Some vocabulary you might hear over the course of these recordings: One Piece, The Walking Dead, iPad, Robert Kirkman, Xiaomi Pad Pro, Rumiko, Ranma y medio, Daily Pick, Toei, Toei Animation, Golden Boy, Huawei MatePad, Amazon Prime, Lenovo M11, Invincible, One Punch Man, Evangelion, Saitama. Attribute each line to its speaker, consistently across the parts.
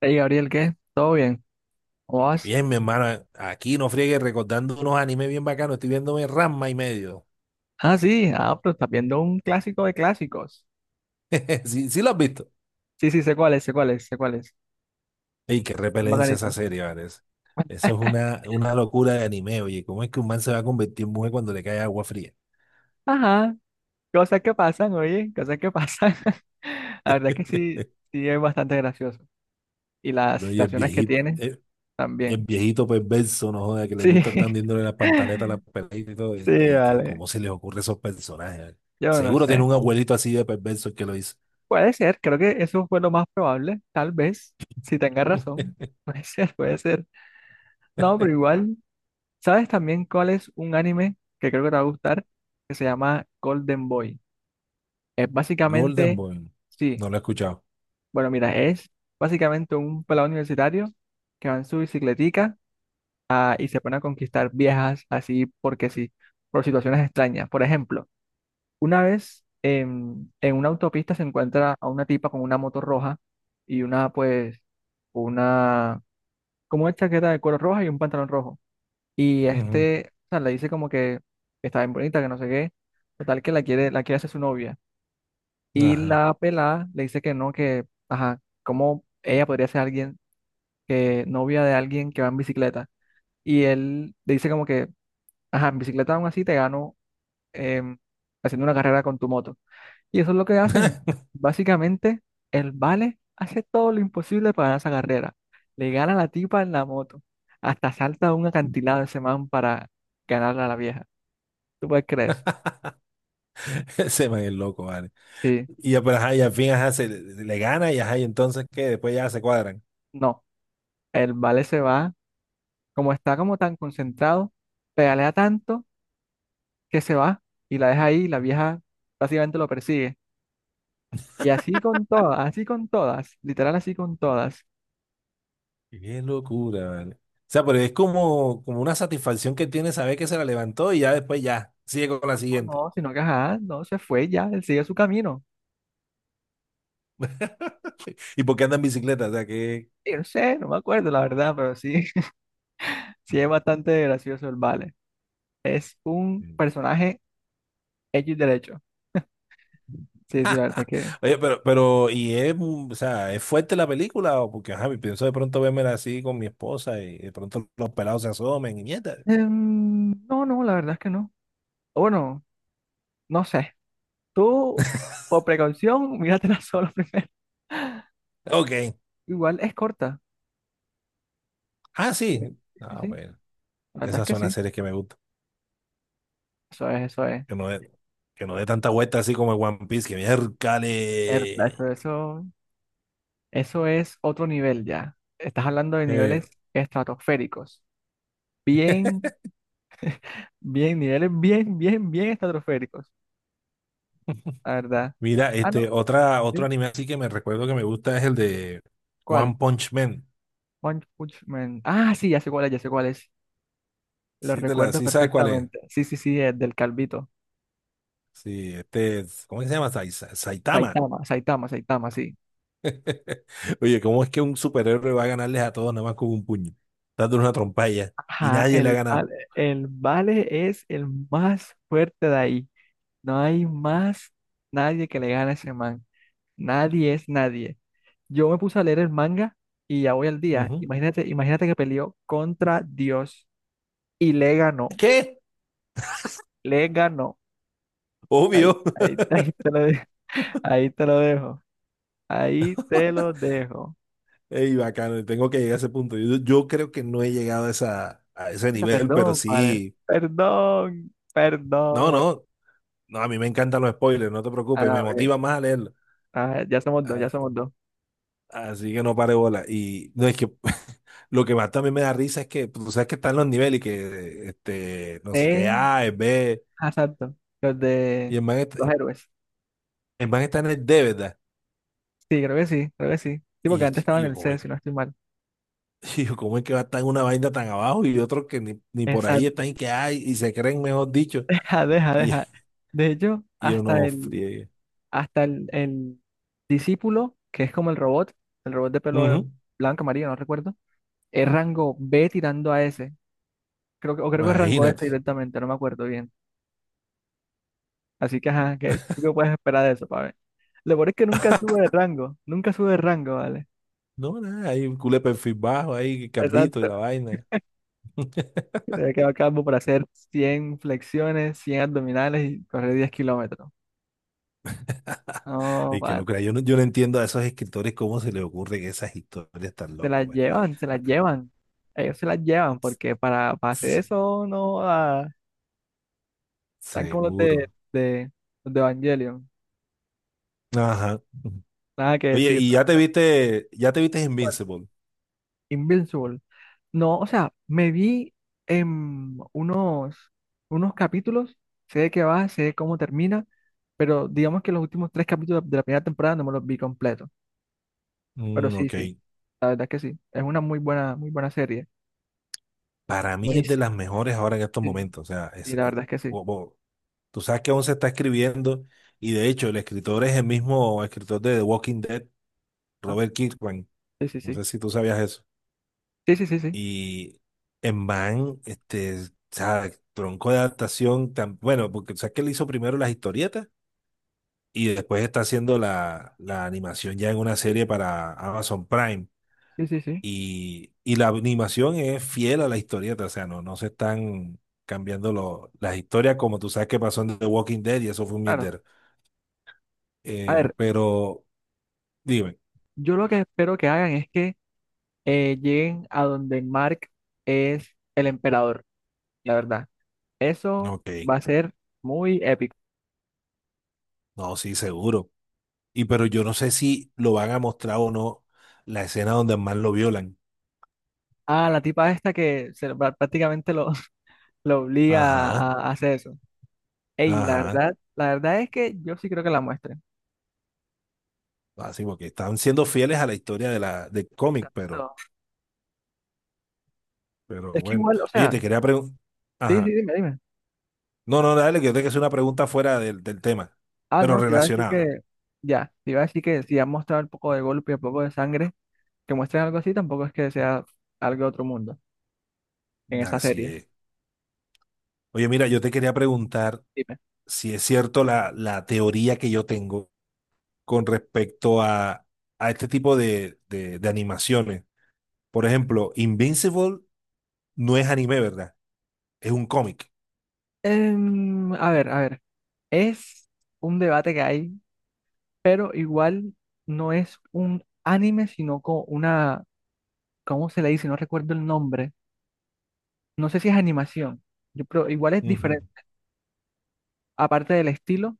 Speaker 1: Hey Gabriel, ¿qué? ¿Todo bien? ¿Cómo vas?
Speaker 2: Bien, mi hermana, aquí no friegue recordando unos animes bien bacanos. Estoy viéndome Ranma y medio.
Speaker 1: Ah, sí, ah, pero estás viendo un clásico de clásicos.
Speaker 2: Sí, sí lo has visto.
Speaker 1: Sí, sí, sé cuál es, sé cuál es, sé cuál es.
Speaker 2: Ey, qué
Speaker 1: Es
Speaker 2: repelencia esa
Speaker 1: bacanito.
Speaker 2: serie, parece. Eso es una locura de anime, oye. ¿Cómo es que un man se va a convertir en mujer cuando le cae agua fría?
Speaker 1: Ajá, cosas que pasan, oye, cosas que pasan. La verdad que sí, sí es bastante gracioso. Y las
Speaker 2: No,
Speaker 1: situaciones que tiene
Speaker 2: y el
Speaker 1: también.
Speaker 2: viejito perverso, no joda, que le
Speaker 1: Sí,
Speaker 2: gusta estar dándole las pantaletas a las peladitas y todo. Y,
Speaker 1: sí,
Speaker 2: y que,
Speaker 1: vale.
Speaker 2: ¿cómo se les ocurre a esos personajes, eh?
Speaker 1: Yo no
Speaker 2: Seguro tiene
Speaker 1: sé.
Speaker 2: un abuelito así de perverso el que lo hizo.
Speaker 1: Puede ser, creo que eso fue lo más probable, tal vez, si tenga razón. Puede ser, puede ser. No, pero igual. ¿Sabes también cuál es un anime que creo que te va a gustar? Que se llama Golden Boy. Es
Speaker 2: Golden
Speaker 1: básicamente,
Speaker 2: Boy.
Speaker 1: sí,
Speaker 2: No lo he escuchado.
Speaker 1: bueno, mira, es básicamente un pelado universitario que va en su bicicletica ah, y se pone a conquistar viejas así porque sí, por situaciones extrañas. Por ejemplo, una vez en una autopista se encuentra a una tipa con una moto roja y una, pues, una, como una chaqueta de color roja y un pantalón rojo. Y
Speaker 2: Ujú.
Speaker 1: este, o sea, le dice como que está bien bonita, que no sé qué. Total, que la quiere hacer su novia. Y
Speaker 2: Ajá.
Speaker 1: la pelada le dice que no, que, ajá, cómo ella podría ser alguien, que novia de alguien que va en bicicleta. Y él le dice como que, ajá, en bicicleta aún así te gano em, haciendo una carrera con tu moto. Y eso es lo que hacen. Básicamente, el Vale hace todo lo imposible para ganar esa carrera. Le gana a la tipa en la moto. Hasta salta a un acantilado ese man para ganarle a la vieja. ¿Tú puedes creer eso?
Speaker 2: Ese man es loco, vale.
Speaker 1: Sí,
Speaker 2: Y ya, pero ajá, y al fin, ajá, le gana y ajá, y entonces, ¿qué? Después ya se cuadran.
Speaker 1: no. El vale se va, como está como tan concentrado, pedalea tanto que se va y la deja ahí y la vieja básicamente lo persigue. Y así con todas, literal así con todas.
Speaker 2: Qué locura, vale. O sea, pero es como, como una satisfacción que tiene saber que se la levantó y ya después ya, sigue con la
Speaker 1: No,
Speaker 2: siguiente.
Speaker 1: no, sino que ajá, no se fue ya, él sigue su camino.
Speaker 2: ¿Y por qué anda en bicicleta? O sea, que...
Speaker 1: Y no sé, no me acuerdo la verdad, pero sí, sí es bastante gracioso el vale. Es un personaje X derecho. Sí, sí, la verdad que...
Speaker 2: Oye, pero, y es, o sea, ¿es fuerte la película? O porque, ajá, pienso de pronto vérmela así con mi esposa y de pronto los pelados se asomen y mierda.
Speaker 1: no, no, la verdad es que no. O bueno, no sé. Tú, por precaución, míratela solo primero.
Speaker 2: Ok.
Speaker 1: Igual es corta.
Speaker 2: Ah,
Speaker 1: Sí,
Speaker 2: sí.
Speaker 1: sí,
Speaker 2: Ah,
Speaker 1: sí.
Speaker 2: bueno.
Speaker 1: La verdad es
Speaker 2: Esas
Speaker 1: que
Speaker 2: son las
Speaker 1: sí.
Speaker 2: series que me gustan.
Speaker 1: Eso es, eso es.
Speaker 2: Que no dé, que no dé tanta vuelta así como el One Piece, que
Speaker 1: Eso,
Speaker 2: miércale.
Speaker 1: eso, eso es otro nivel ya. Estás hablando de niveles
Speaker 2: Eh,
Speaker 1: estratosféricos. Bien, bien, niveles bien, bien, bien estratosféricos. La verdad.
Speaker 2: mira,
Speaker 1: Ah,
Speaker 2: este,
Speaker 1: no.
Speaker 2: otro
Speaker 1: ¿Sí?
Speaker 2: anime así que me recuerdo que me gusta es el de
Speaker 1: ¿Cuál?
Speaker 2: One Punch Man.
Speaker 1: One Punch Man. Ah, sí, ya sé cuál es, ya sé cuál es. Lo
Speaker 2: Sí,
Speaker 1: recuerdo
Speaker 2: sí sabes cuál es.
Speaker 1: perfectamente. Sí, sí, sí, es del Calvito.
Speaker 2: Sí, este, ¿cómo que se llama? Saitama.
Speaker 1: Saitama, Saitama, Saitama, sí.
Speaker 2: Oye, ¿cómo es que un superhéroe va a ganarles a todos nada más con un puño? Dándole una trompalla. Y
Speaker 1: Ajá,
Speaker 2: nadie le ha ganado.
Speaker 1: el Vale es el más fuerte de ahí. No hay más nadie que le gane a ese man. Nadie es nadie. Yo me puse a leer el manga y ya voy al día.
Speaker 2: Ujú.
Speaker 1: Imagínate, imagínate que peleó contra Dios y le ganó.
Speaker 2: ¿Qué?
Speaker 1: Le ganó. Ahí,
Speaker 2: Obvio.
Speaker 1: ahí, ahí te lo dejo. Ahí te lo dejo. Ahí te lo dejo.
Speaker 2: Ey, bacano, tengo que llegar a ese punto. Yo creo que no he llegado a a ese nivel, pero
Speaker 1: Perdón, vale.
Speaker 2: sí.
Speaker 1: Perdón.
Speaker 2: No,
Speaker 1: Perdón.
Speaker 2: no, no, a mí me encantan los spoilers, no te preocupes,
Speaker 1: Ah,
Speaker 2: me
Speaker 1: ok.
Speaker 2: motiva más a leerlo.
Speaker 1: Ah, ya somos dos, ya
Speaker 2: A-
Speaker 1: somos dos.
Speaker 2: Así que no pare bola. Y no es que lo que más también me da risa es que pues, tú sabes que están los niveles y que este no sé qué
Speaker 1: eh
Speaker 2: A es B
Speaker 1: Ah, exacto, los
Speaker 2: y
Speaker 1: de los héroes.
Speaker 2: el man está en el D, ¿verdad?
Speaker 1: Sí, creo que sí, creo que sí. Sí,
Speaker 2: Y,
Speaker 1: porque antes estaba
Speaker 2: y
Speaker 1: en
Speaker 2: yo
Speaker 1: el
Speaker 2: como
Speaker 1: C,
Speaker 2: es,
Speaker 1: si no estoy mal.
Speaker 2: y yo ¿cómo es que va a estar en una vaina tan abajo y otros que ni por ahí están
Speaker 1: Exacto.
Speaker 2: y que hay y se creen mejor dicho
Speaker 1: Deja, deja,
Speaker 2: y,
Speaker 1: deja. De hecho,
Speaker 2: y uno friegue.
Speaker 1: hasta el discípulo, que es como el robot de pelo
Speaker 2: Ujú.
Speaker 1: blanco, amarillo, no recuerdo, es rango B tirando a S. Creo que, o creo que es rango S
Speaker 2: Imagínate.
Speaker 1: directamente, no me acuerdo bien. Así que, ajá, ¿qué, tú qué puedes esperar de eso, pa' ver? Lo peor es que nunca sube de rango, nunca sube de rango, ¿vale?
Speaker 2: No, nada, hay un culé perfil bajo ahí, capito y
Speaker 1: Exacto.
Speaker 2: la vaina.
Speaker 1: Te había quedado calvo para hacer 100 flexiones, 100 abdominales y correr 10 km. No,
Speaker 2: Ay, qué
Speaker 1: pana.
Speaker 2: locura. Yo no entiendo a esos escritores cómo se les ocurren esas historias tan
Speaker 1: Se
Speaker 2: locas,
Speaker 1: las
Speaker 2: güey.
Speaker 1: llevan, se las
Speaker 2: Ah,
Speaker 1: llevan. Ellos se las llevan porque para hacer
Speaker 2: se-
Speaker 1: eso no ah, están como
Speaker 2: Seguro.
Speaker 1: los de Evangelion.
Speaker 2: Ajá.
Speaker 1: Nada que
Speaker 2: Oye,
Speaker 1: decir.
Speaker 2: ¿ya te viste Invincible?
Speaker 1: Invincible. No, o sea, me vi en unos, unos capítulos, sé de qué va, sé cómo termina, pero digamos que los últimos tres capítulos de la primera temporada no me los vi completos. Pero
Speaker 2: Mm,
Speaker 1: sí,
Speaker 2: ok.
Speaker 1: sí, la verdad es que sí. Es una muy buena serie.
Speaker 2: Para mí es de
Speaker 1: Buenísimo.
Speaker 2: las mejores ahora en estos
Speaker 1: Sí,
Speaker 2: momentos. O sea,
Speaker 1: y
Speaker 2: es,
Speaker 1: la verdad es que sí.
Speaker 2: bo- bo- tú sabes que aún se está escribiendo y de hecho el escritor es el mismo escritor de The Walking Dead,
Speaker 1: Ah,
Speaker 2: Robert Kirkman.
Speaker 1: sí, sí,
Speaker 2: No
Speaker 1: sí.
Speaker 2: sé si tú sabías eso.
Speaker 1: Sí, sí, sí, sí.
Speaker 2: Y en Van, este, o sea, tronco de adaptación, tan, bueno, porque sabes que él hizo primero las historietas y después está haciendo la animación ya en una
Speaker 1: Sí,
Speaker 2: serie para Amazon Prime.
Speaker 1: sí, sí. Sí.
Speaker 2: Y la animación es fiel a la historieta, o sea, no se están cambiando las historias como tú sabes que pasó en The Walking Dead y eso fue un
Speaker 1: Claro.
Speaker 2: mierdero.
Speaker 1: A ver,
Speaker 2: Pero dime,
Speaker 1: yo lo que espero que hagan es que lleguen a donde Mark es el emperador, la verdad. Eso
Speaker 2: ok,
Speaker 1: va a ser muy épico.
Speaker 2: no, sí, seguro. Y pero yo no sé si lo van a mostrar o no la escena donde más lo violan.
Speaker 1: Ah, la tipa esta que se lo- prá- prácticamente lo, lo obliga
Speaker 2: Ajá,
Speaker 1: a hacer eso. Ey,
Speaker 2: ajá.
Speaker 1: la verdad es que yo sí creo que la muestren.
Speaker 2: Así porque están siendo fieles a la historia de del cómic,
Speaker 1: Exacto.
Speaker 2: pero
Speaker 1: Es que
Speaker 2: bueno.
Speaker 1: igual, o
Speaker 2: Oye,
Speaker 1: sea,
Speaker 2: te quería preguntar.
Speaker 1: sí, sí,
Speaker 2: Ajá.
Speaker 1: dime, dime.
Speaker 2: No, no, dale, que yo te que hacer una pregunta fuera del tema,
Speaker 1: Ah,
Speaker 2: pero
Speaker 1: no, te iba a decir
Speaker 2: relacionada.
Speaker 1: que, ya, te iba a decir que si han mostrado un poco de golpe y un poco de sangre, que muestren algo así, tampoco es que sea algo de otro mundo en esta
Speaker 2: Así
Speaker 1: serie.
Speaker 2: es. Oye, mira, yo te quería preguntar
Speaker 1: Dime.
Speaker 2: si es cierto la teoría que yo tengo con respecto a este tipo de animaciones. Por ejemplo, Invincible no es anime, ¿verdad? Es un cómic.
Speaker 1: A ver, a ver, es un debate que hay, pero igual no es un anime, sino como una, ¿cómo se le dice? No recuerdo el nombre. No sé si es animación, yo, pero igual es
Speaker 2: Ujú.
Speaker 1: diferente. Aparte del estilo,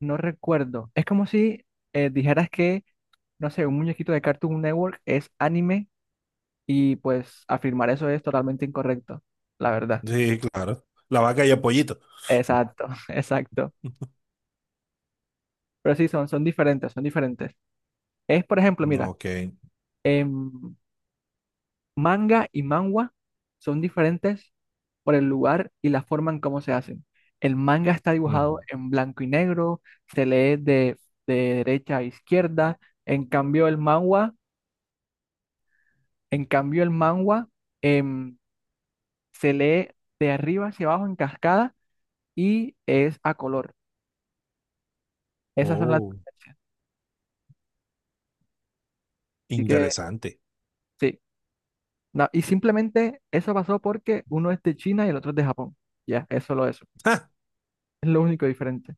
Speaker 1: no recuerdo. Es como si dijeras que, no sé, un muñequito de Cartoon Network es anime. Y pues afirmar eso es totalmente incorrecto, la verdad.
Speaker 2: Sí, claro. La vaca y el pollito.
Speaker 1: Exacto, exacto. Pero sí, son, son diferentes, son diferentes. Es, por ejemplo, mira,
Speaker 2: Ok.
Speaker 1: em, manga y manhwa son diferentes por el lugar y la forma en cómo se hacen. El manga está
Speaker 2: Ujú.
Speaker 1: dibujado en blanco y negro, se lee de derecha a izquierda. En cambio, el manhwa, en cambio, el manhwa em, se lee de arriba hacia abajo en cascada y es a color. Esas son las
Speaker 2: Oh,
Speaker 1: diferencias. Así que
Speaker 2: interesante.
Speaker 1: sí, y simplemente eso pasó porque uno es de China y el otro es de Japón. Ya, es solo eso.
Speaker 2: Ah,
Speaker 1: Es lo único diferente.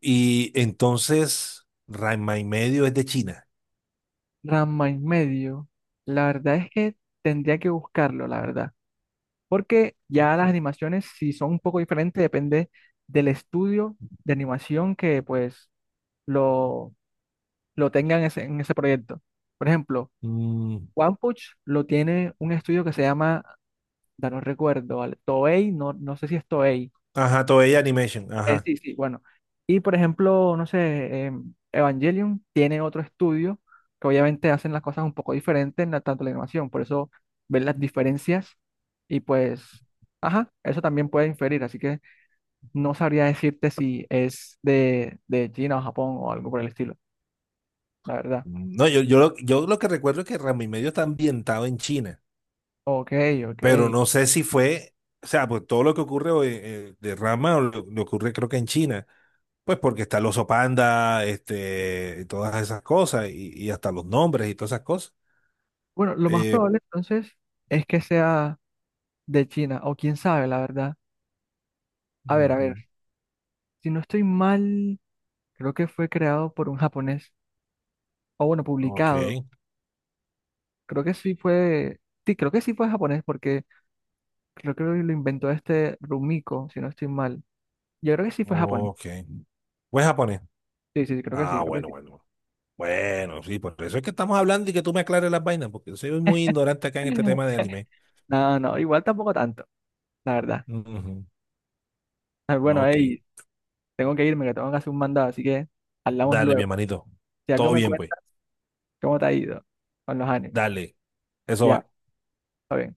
Speaker 2: y entonces, Ranma y medio es de China.
Speaker 1: Ranma y medio, la verdad es que tendría que buscarlo, la verdad. Porque ya las animaciones, si son un poco diferentes, depende del estudio de animación que pues lo, lo tengan en ese proyecto. Por ejemplo,
Speaker 2: Mm,
Speaker 1: One Punch lo tiene un estudio que se llama, ya no recuerdo, ¿vale? Toei, no, no sé si es Toei.
Speaker 2: ajá, Toei Animation, ajá.
Speaker 1: Sí, sí, bueno. Y por ejemplo, no sé, Evangelion tiene otro estudio que obviamente hacen las cosas un poco diferentes en la, tanto la animación, por eso ven las diferencias y pues, ajá, eso también puede inferir, así que no sabría decirte si es de China o Japón o algo por el estilo, la verdad.
Speaker 2: Mm, no, yo lo que recuerdo es que Ranma y medio está ambientado en China,
Speaker 1: Ok, ok.
Speaker 2: pero no sé si fue, o sea, pues todo lo que ocurre hoy, de Ranma o lo ocurre creo que en China, pues porque está el oso panda, este, y todas esas cosas, y hasta los nombres y todas esas cosas.
Speaker 1: Bueno, lo más
Speaker 2: Eh,
Speaker 1: probable entonces es que sea de China, o quién sabe, la verdad. A
Speaker 2: ujú,
Speaker 1: ver, si no estoy mal, creo que fue creado por un japonés. O bueno,
Speaker 2: ok,
Speaker 1: publicado. Creo que sí fue. Sí, creo que sí fue japonés porque creo que lo inventó este Rumiko, si no estoy mal. Yo creo que sí fue japonés.
Speaker 2: ok. Pues japonés.
Speaker 1: Sí, sí, sí, creo que sí,
Speaker 2: Ah,
Speaker 1: creo que
Speaker 2: bueno,
Speaker 1: sí.
Speaker 2: bueno. Bueno, sí, por eso es que estamos hablando y que tú me aclares las vainas, porque soy muy ignorante acá en este tema de anime.
Speaker 1: No, no, igual tampoco tanto, la verdad.
Speaker 2: Ujú.
Speaker 1: Ah, bueno,
Speaker 2: Ok.
Speaker 1: hey, tengo que irme, que tengo que hacer un mandado, así que hablamos
Speaker 2: Dale, mi
Speaker 1: luego.
Speaker 2: hermanito.
Speaker 1: Si algo
Speaker 2: Todo
Speaker 1: me
Speaker 2: bien, pues.
Speaker 1: cuenta, ¿cómo te ha ido con los animes?
Speaker 2: Dale. Eso
Speaker 1: Ya,
Speaker 2: va.
Speaker 1: está bien.